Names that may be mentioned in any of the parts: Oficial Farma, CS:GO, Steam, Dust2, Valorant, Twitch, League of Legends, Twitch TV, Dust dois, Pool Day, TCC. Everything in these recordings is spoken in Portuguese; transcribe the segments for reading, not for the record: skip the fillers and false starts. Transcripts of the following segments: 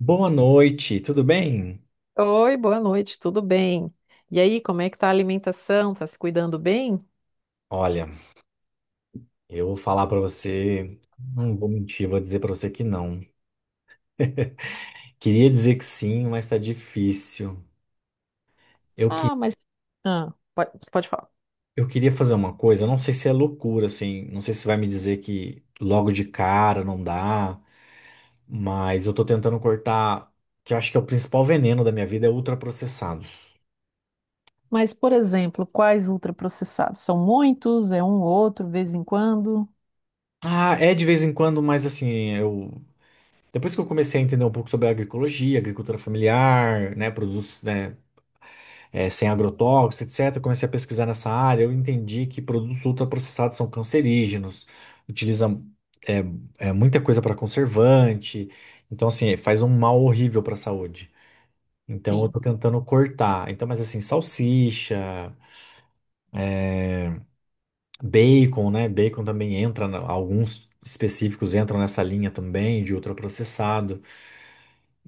Boa noite, tudo bem? Oi, boa noite, tudo bem? E aí, como é que tá a alimentação? Tá se cuidando bem? Olha, eu vou falar pra você, não vou mentir, vou dizer pra você que não. Queria dizer que sim, mas tá difícil. Eu, que, Ah, mas. Ah, pode falar. eu queria fazer uma coisa, não sei se é loucura, assim, não sei se vai me dizer que logo de cara não dá, mas eu tô tentando cortar, que eu acho que é o principal veneno da minha vida, é ultraprocessados. Mas, por exemplo, quais ultraprocessados? São muitos? É um ou outro, vez em quando? Ah, é de vez em quando, mas assim, eu. Depois que eu comecei a entender um pouco sobre a agroecologia, agricultura familiar, né, produtos, né, sem agrotóxicos, etc. Eu comecei a pesquisar nessa área, eu entendi que produtos ultraprocessados são cancerígenos, utilizam eh, muita coisa para conservante, então assim, faz um mal horrível para a saúde. Então eu Sim. tô tentando cortar. Então, mas assim, salsicha, bacon, né? Bacon também entra, alguns específicos entram nessa linha também de ultraprocessado.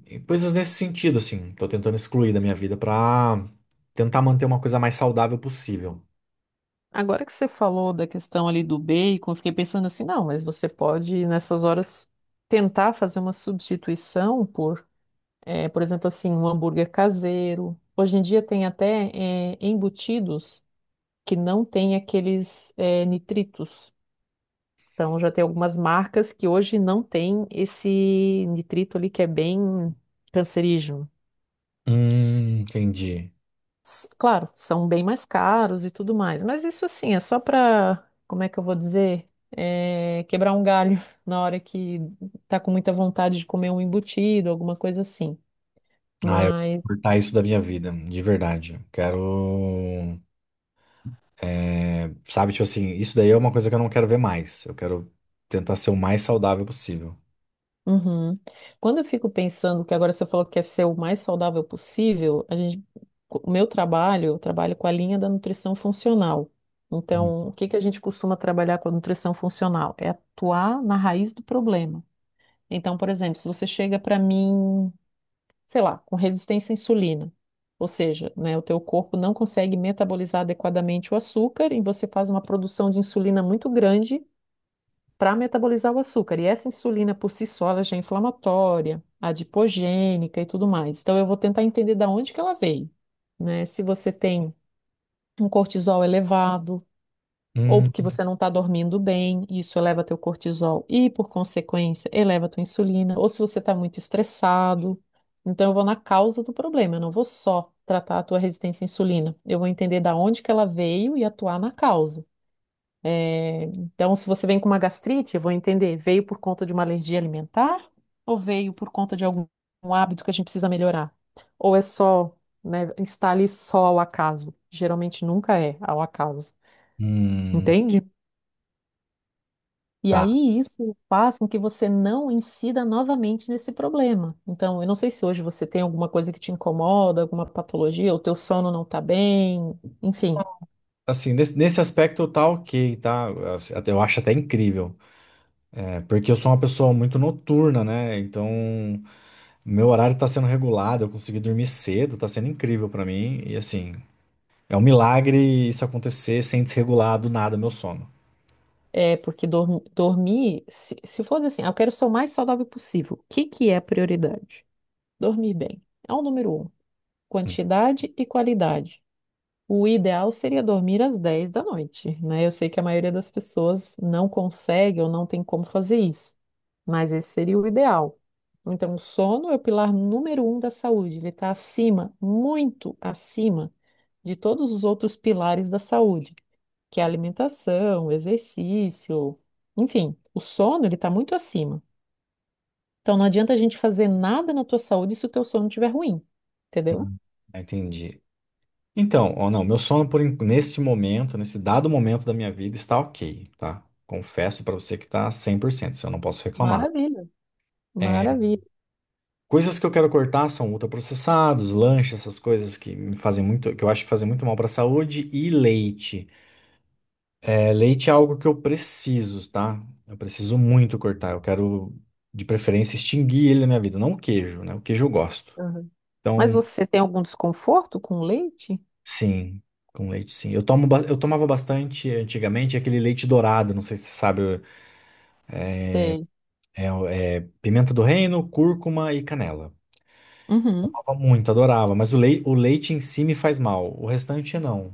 E coisas nesse sentido, assim, tô tentando excluir da minha vida para tentar manter uma coisa mais saudável possível. Agora que você falou da questão ali do bacon, eu fiquei pensando assim, não, mas você pode, nessas horas, tentar fazer uma substituição por exemplo, assim, um hambúrguer caseiro. Hoje em dia tem até, embutidos que não têm aqueles, nitritos. Então já tem algumas marcas que hoje não tem esse nitrito ali que é bem cancerígeno. Entendi. Claro, são bem mais caros e tudo mais, mas isso assim é só para, como é que eu vou dizer, é, quebrar um galho na hora que tá com muita vontade de comer um embutido, alguma coisa assim. Ah, eu quero Mas cortar isso da minha vida, de verdade. Eu Quero, é, sabe, tipo assim, isso daí é uma coisa que eu não quero ver mais. Eu quero tentar ser o mais saudável possível. uhum. Quando eu fico pensando que agora você falou que quer ser o mais saudável possível, a gente, o meu trabalho, eu trabalho com a linha da nutrição funcional. Hum, Então, o que que a gente costuma trabalhar com a nutrição funcional? É atuar na raiz do problema. Então, por exemplo, se você chega para mim, sei lá, com resistência à insulina, ou seja, né, o teu corpo não consegue metabolizar adequadamente o açúcar e você faz uma produção de insulina muito grande para metabolizar o açúcar. E essa insulina por si só, ela já é inflamatória, adipogênica e tudo mais. Então eu vou tentar entender da onde que ela veio, né? Se você tem um cortisol elevado ou hum, porque você não está dormindo bem, isso eleva teu cortisol e por consequência eleva tua insulina, ou se você está muito estressado. Então eu vou na causa do problema, eu não vou só tratar a tua resistência à insulina. Eu vou entender da onde que ela veio e atuar na causa. É, então, se você vem com uma gastrite, eu vou entender, veio por conta de uma alergia alimentar ou veio por conta de algum hábito que a gente precisa melhorar? Ou é só, né, está ali só ao acaso? Geralmente nunca é ao acaso, hum, entende? E tá. aí isso faz com que você não incida novamente nesse problema. Então, eu não sei se hoje você tem alguma coisa que te incomoda, alguma patologia, o teu sono não está bem, enfim. Assim, nesse aspecto tá ok, tá? assim, Eu acho até incrível. É, porque eu sou uma pessoa muito noturna, né? Então, meu horário tá sendo regulado, eu consegui dormir cedo, tá sendo incrível pra mim. E assim, é um milagre isso acontecer sem desregular do nada meu sono. É, porque dormir, se for assim, ah, eu quero ser o mais saudável possível. O que que é prioridade? Dormir bem. É o número um. Hum. Quantidade e qualidade. O ideal seria dormir às 10 da noite, né? Eu sei que a maioria das pessoas não consegue ou não tem como fazer isso, mas esse seria o ideal. Então, o sono é o pilar número um da saúde. Ele está acima, muito acima de todos os outros pilares da saúde que é a alimentação, o exercício, enfim, o sono ele está muito acima. Então não adianta a gente fazer nada na tua saúde se o teu sono estiver ruim, entendeu? Ah, entendi. Então, ou não, meu sono neste momento, nesse dado momento da minha vida está ok, tá? Confesso pra você que tá 100%, isso eu não posso reclamar. Maravilha. É, Maravilha. coisas que eu quero cortar são ultraprocessados, lanche, essas coisas que me fazem muito, que eu acho que fazem muito mal pra saúde e leite. É, leite é algo que eu preciso, tá? Eu preciso muito cortar. Eu quero, de preferência, extinguir ele na minha vida, não o queijo, né? O queijo eu gosto. Aham. Mas Então você tem algum desconforto com o leite? sim, com leite, sim. Eu tomava bastante antigamente aquele leite dourado, não sei se você sabe, Sei. É pimenta do reino, cúrcuma e canela. Uhum. Tomava muito, adorava, mas o leite em si me faz mal, o restante não.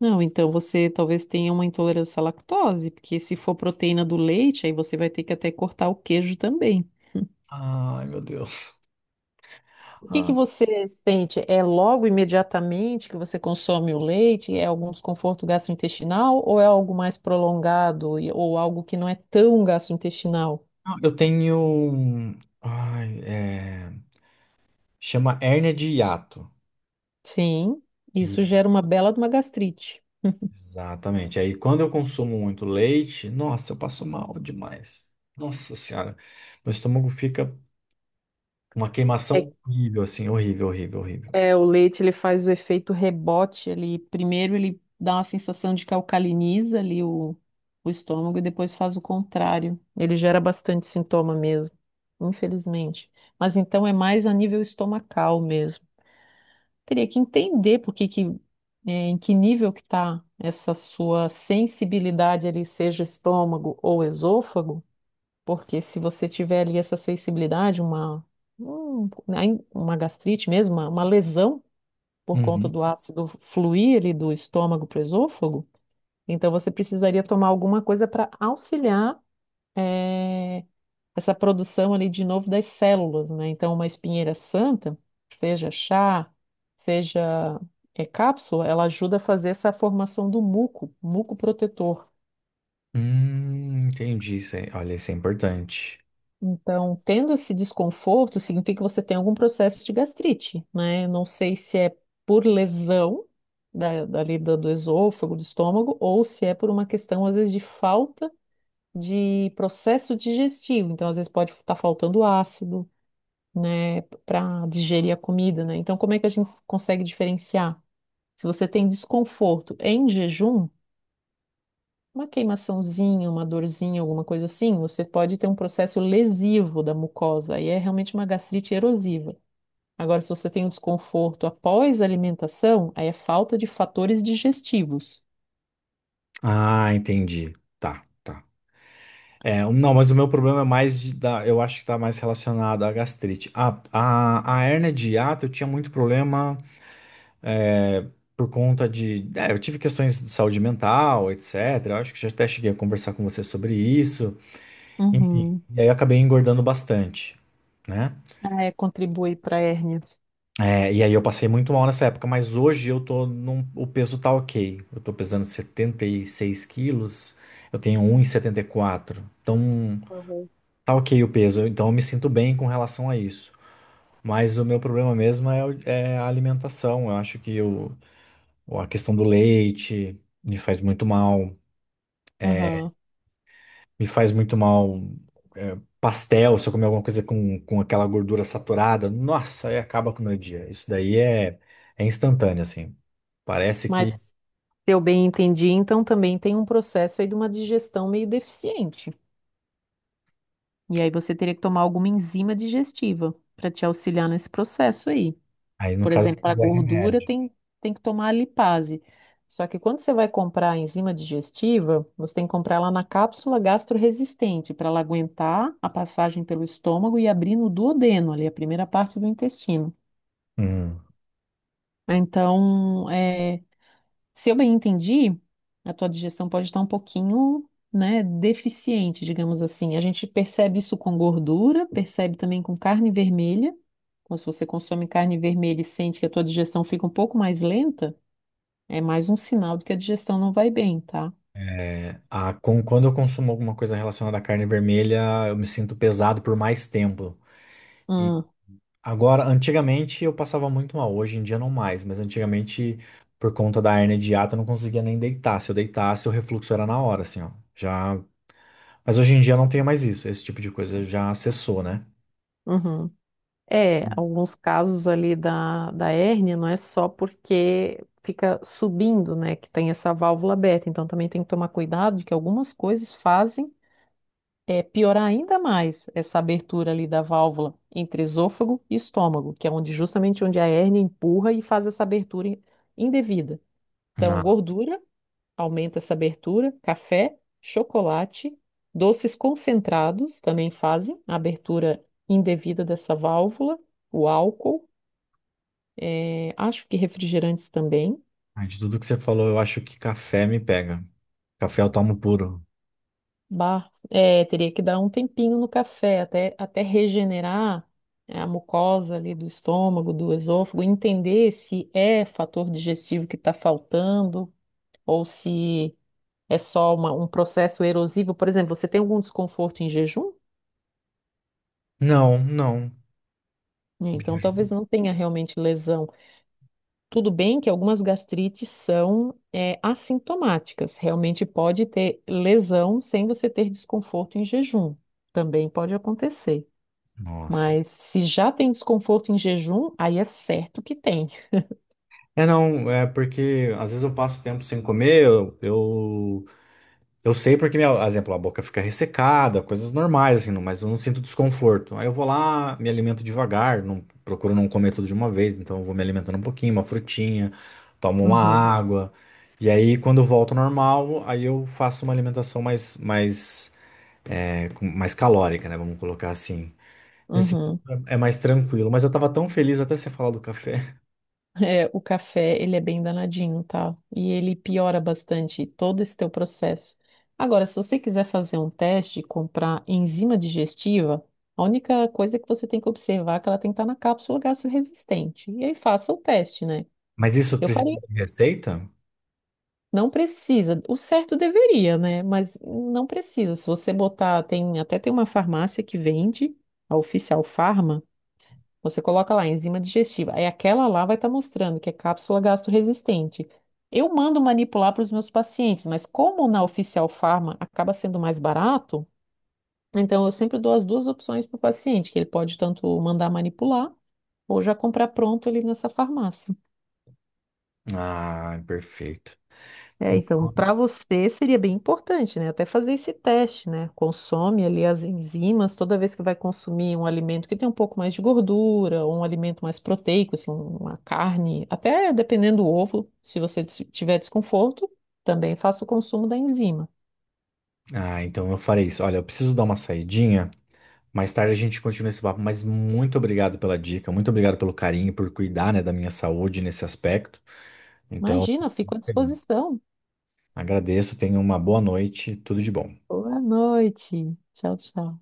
Não, então você talvez tenha uma intolerância à lactose, porque se for proteína do leite, aí você vai ter que até cortar o queijo também. Ai, meu Deus. O que que Ah, você sente? É logo imediatamente que você consome o leite? É algum desconforto gastrointestinal ou é algo mais prolongado e- ou algo que não é tão gastrointestinal? não, eu tenho. Ai, é, chama hérnia de hiato. Sim, isso E- gera uma bela de uma gastrite. Exatamente. Aí quando eu consumo muito leite, nossa, eu passo mal demais. Nossa Senhora, meu estômago fica. Uma É, queimação horrível, assim, horrível, horrível, horrível. é, o leite ele faz o efeito rebote, ele primeiro ele dá uma sensação de que alcaliniza ali o estômago e depois faz o contrário. Ele gera bastante sintoma mesmo, infelizmente. Mas então é mais a nível estomacal mesmo. Teria que entender por que que, em que nível que está essa sua sensibilidade ali, seja estômago ou esôfago, porque se você tiver ali essa sensibilidade, uma gastrite mesmo, uma lesão por conta Uhum. do ácido fluir ali do estômago para o esôfago, então você precisaria tomar alguma coisa para auxiliar eh, essa produção ali de novo das células, né? Então, uma espinheira santa, seja chá, seja cápsula, ela ajuda a fazer essa formação do muco, muco protetor. Entendi. Olha, isso é importante. Então, tendo esse desconforto, significa que você tem algum processo de gastrite, né? Eu não sei se é por lesão do esôfago, do estômago, ou se é por uma questão, às vezes, de falta de processo digestivo. Então, às vezes, pode estar faltando ácido, né, para digerir a comida, né? Então, como é que a gente consegue diferenciar? Se você tem desconforto em jejum, uma queimaçãozinha, uma dorzinha, alguma coisa assim, você pode ter um processo lesivo da mucosa, e é realmente uma gastrite erosiva. Agora, se você tem um desconforto após a alimentação, aí é falta de fatores digestivos. Ah, entendi. Tá, tá. Não, mas o meu problema é mais da, eu acho que tá mais relacionado à gastrite. A hérnia de hiato, eu tinha muito problema é, por conta de. É, eu tive questões de saúde mental, etc. Eu acho que já até cheguei a conversar com você sobre isso. Enfim, Uhum. e aí eu acabei engordando bastante, né? Ah, é, contribui para a hérnia. É, e aí eu passei muito mal nessa época, mas hoje eu tô num, o peso tá ok. Eu tô pesando 76 quilos, eu tenho um e 1,74. Então Uhum. tá ok o peso, então eu me sinto bem com relação a isso. Mas o meu problema mesmo é a alimentação. Eu acho que o, a questão do leite me faz muito mal. Aham. Me faz muito mal é, pastel, se eu comer alguma coisa com aquela gordura saturada, nossa, aí acaba com o meu dia. Isso daí é, é instantâneo, assim. Parece Mas, que se eu bem entendi, então também tem um processo aí de uma digestão meio deficiente. E aí você teria que tomar alguma enzima digestiva para te auxiliar nesse processo aí. aí, no Por caso, exemplo, para é gordura remédio. tem que tomar a lipase. Só que quando você vai comprar a enzima digestiva, você tem que comprar ela na cápsula gastroresistente, para ela aguentar a passagem pelo estômago e abrir no duodeno, ali, a primeira parte do intestino. Hum. Então, se eu bem entendi, a tua digestão pode estar um pouquinho, né, deficiente, digamos assim. A gente percebe isso com gordura, percebe também com carne vermelha. Então, se você consome carne vermelha e sente que a tua digestão fica um pouco mais lenta, é mais um sinal de que a digestão não vai bem, tá? Quando eu consumo alguma coisa relacionada à carne vermelha, eu me sinto pesado por mais tempo. E Hum, agora, antigamente eu passava muito mal, hoje em dia não mais, mas antigamente, por conta da hérnia de hiato, eu não conseguia nem deitar. Se eu deitasse, o refluxo era na hora, assim, ó. Já... Mas hoje em dia eu não tenho mais isso, esse tipo de coisa já cessou, né? uhum. É, alguns casos ali da, da hérnia não é só porque fica subindo, né, que tem essa válvula aberta. Então também tem que tomar cuidado de que algumas coisas fazem. É piorar ainda mais essa abertura ali da válvula entre esôfago e estômago, que é onde justamente onde a hérnia empurra e faz essa abertura indevida. Então, Ah, gordura aumenta essa abertura, café, chocolate, doces concentrados também fazem a abertura indevida dessa válvula, o álcool, acho que refrigerantes também. de tudo que você falou, eu acho que café me pega. Café eu tomo puro. Bah, é, teria que dar um tempinho no café até regenerar, né, a mucosa ali do estômago, do esôfago, entender se é fator digestivo que está faltando ou se é só um processo erosivo. Por exemplo, você tem algum desconforto em jejum? Não, não. Né, então, talvez não tenha realmente lesão. Tudo bem que algumas gastrites são assintomáticas. Realmente pode ter lesão sem você ter desconforto em jejum. Também pode acontecer. Nossa. Mas se já tem desconforto em jejum, aí é certo que tem. É, não, é porque às vezes eu passo tempo sem comer, eu sei porque, minha, por exemplo, a boca fica ressecada, coisas normais, assim, não- mas eu não sinto desconforto. Aí eu vou lá, me alimento devagar, não, procuro não comer tudo de uma vez, então eu vou me alimentando um pouquinho, uma frutinha, tomo uma Uhum, água, e aí quando eu volto ao normal, aí eu faço uma alimentação é, mais calórica, né, vamos colocar assim. Nesse ponto uhum. É mais tranquilo, mas eu tava tão feliz até você falar do café. É, o café, ele é bem danadinho, tá? E ele piora bastante todo esse teu processo. Agora, se você quiser fazer um teste e comprar enzima digestiva, a única coisa que você tem que observar é que ela tem que estar na cápsula gastroresistente. E aí faça o teste, né? Mas isso Eu precisa falei, de receita? não precisa. O certo deveria, né? Mas não precisa. Se você botar, tem até tem uma farmácia que vende, a Oficial Farma, você coloca lá enzima digestiva. Aí aquela lá vai estar mostrando que é cápsula gastroresistente. Eu mando manipular para os meus pacientes, mas como na Oficial Farma acaba sendo mais barato, então eu sempre dou as duas opções para o paciente, que ele pode tanto mandar manipular ou já comprar pronto ali nessa farmácia. Ah, perfeito. É, então, Então- para você seria bem importante, né? Até fazer esse teste, né? Consome ali as enzimas toda vez que vai consumir um alimento que tem um pouco mais de gordura, ou um alimento mais proteico, assim, uma carne, até dependendo do ovo, se você tiver desconforto, também faça o consumo da enzima. ah, então eu farei isso. Olha, eu preciso dar uma saidinha. Mais tarde a gente continua esse papo, mas muito obrigado pela dica, muito obrigado pelo carinho, por cuidar, né, da minha saúde nesse aspecto. Então, Imagina, eu fico à disposição. agradeço, tenha uma boa noite, tudo de bom. Boa noite. Tchau, tchau.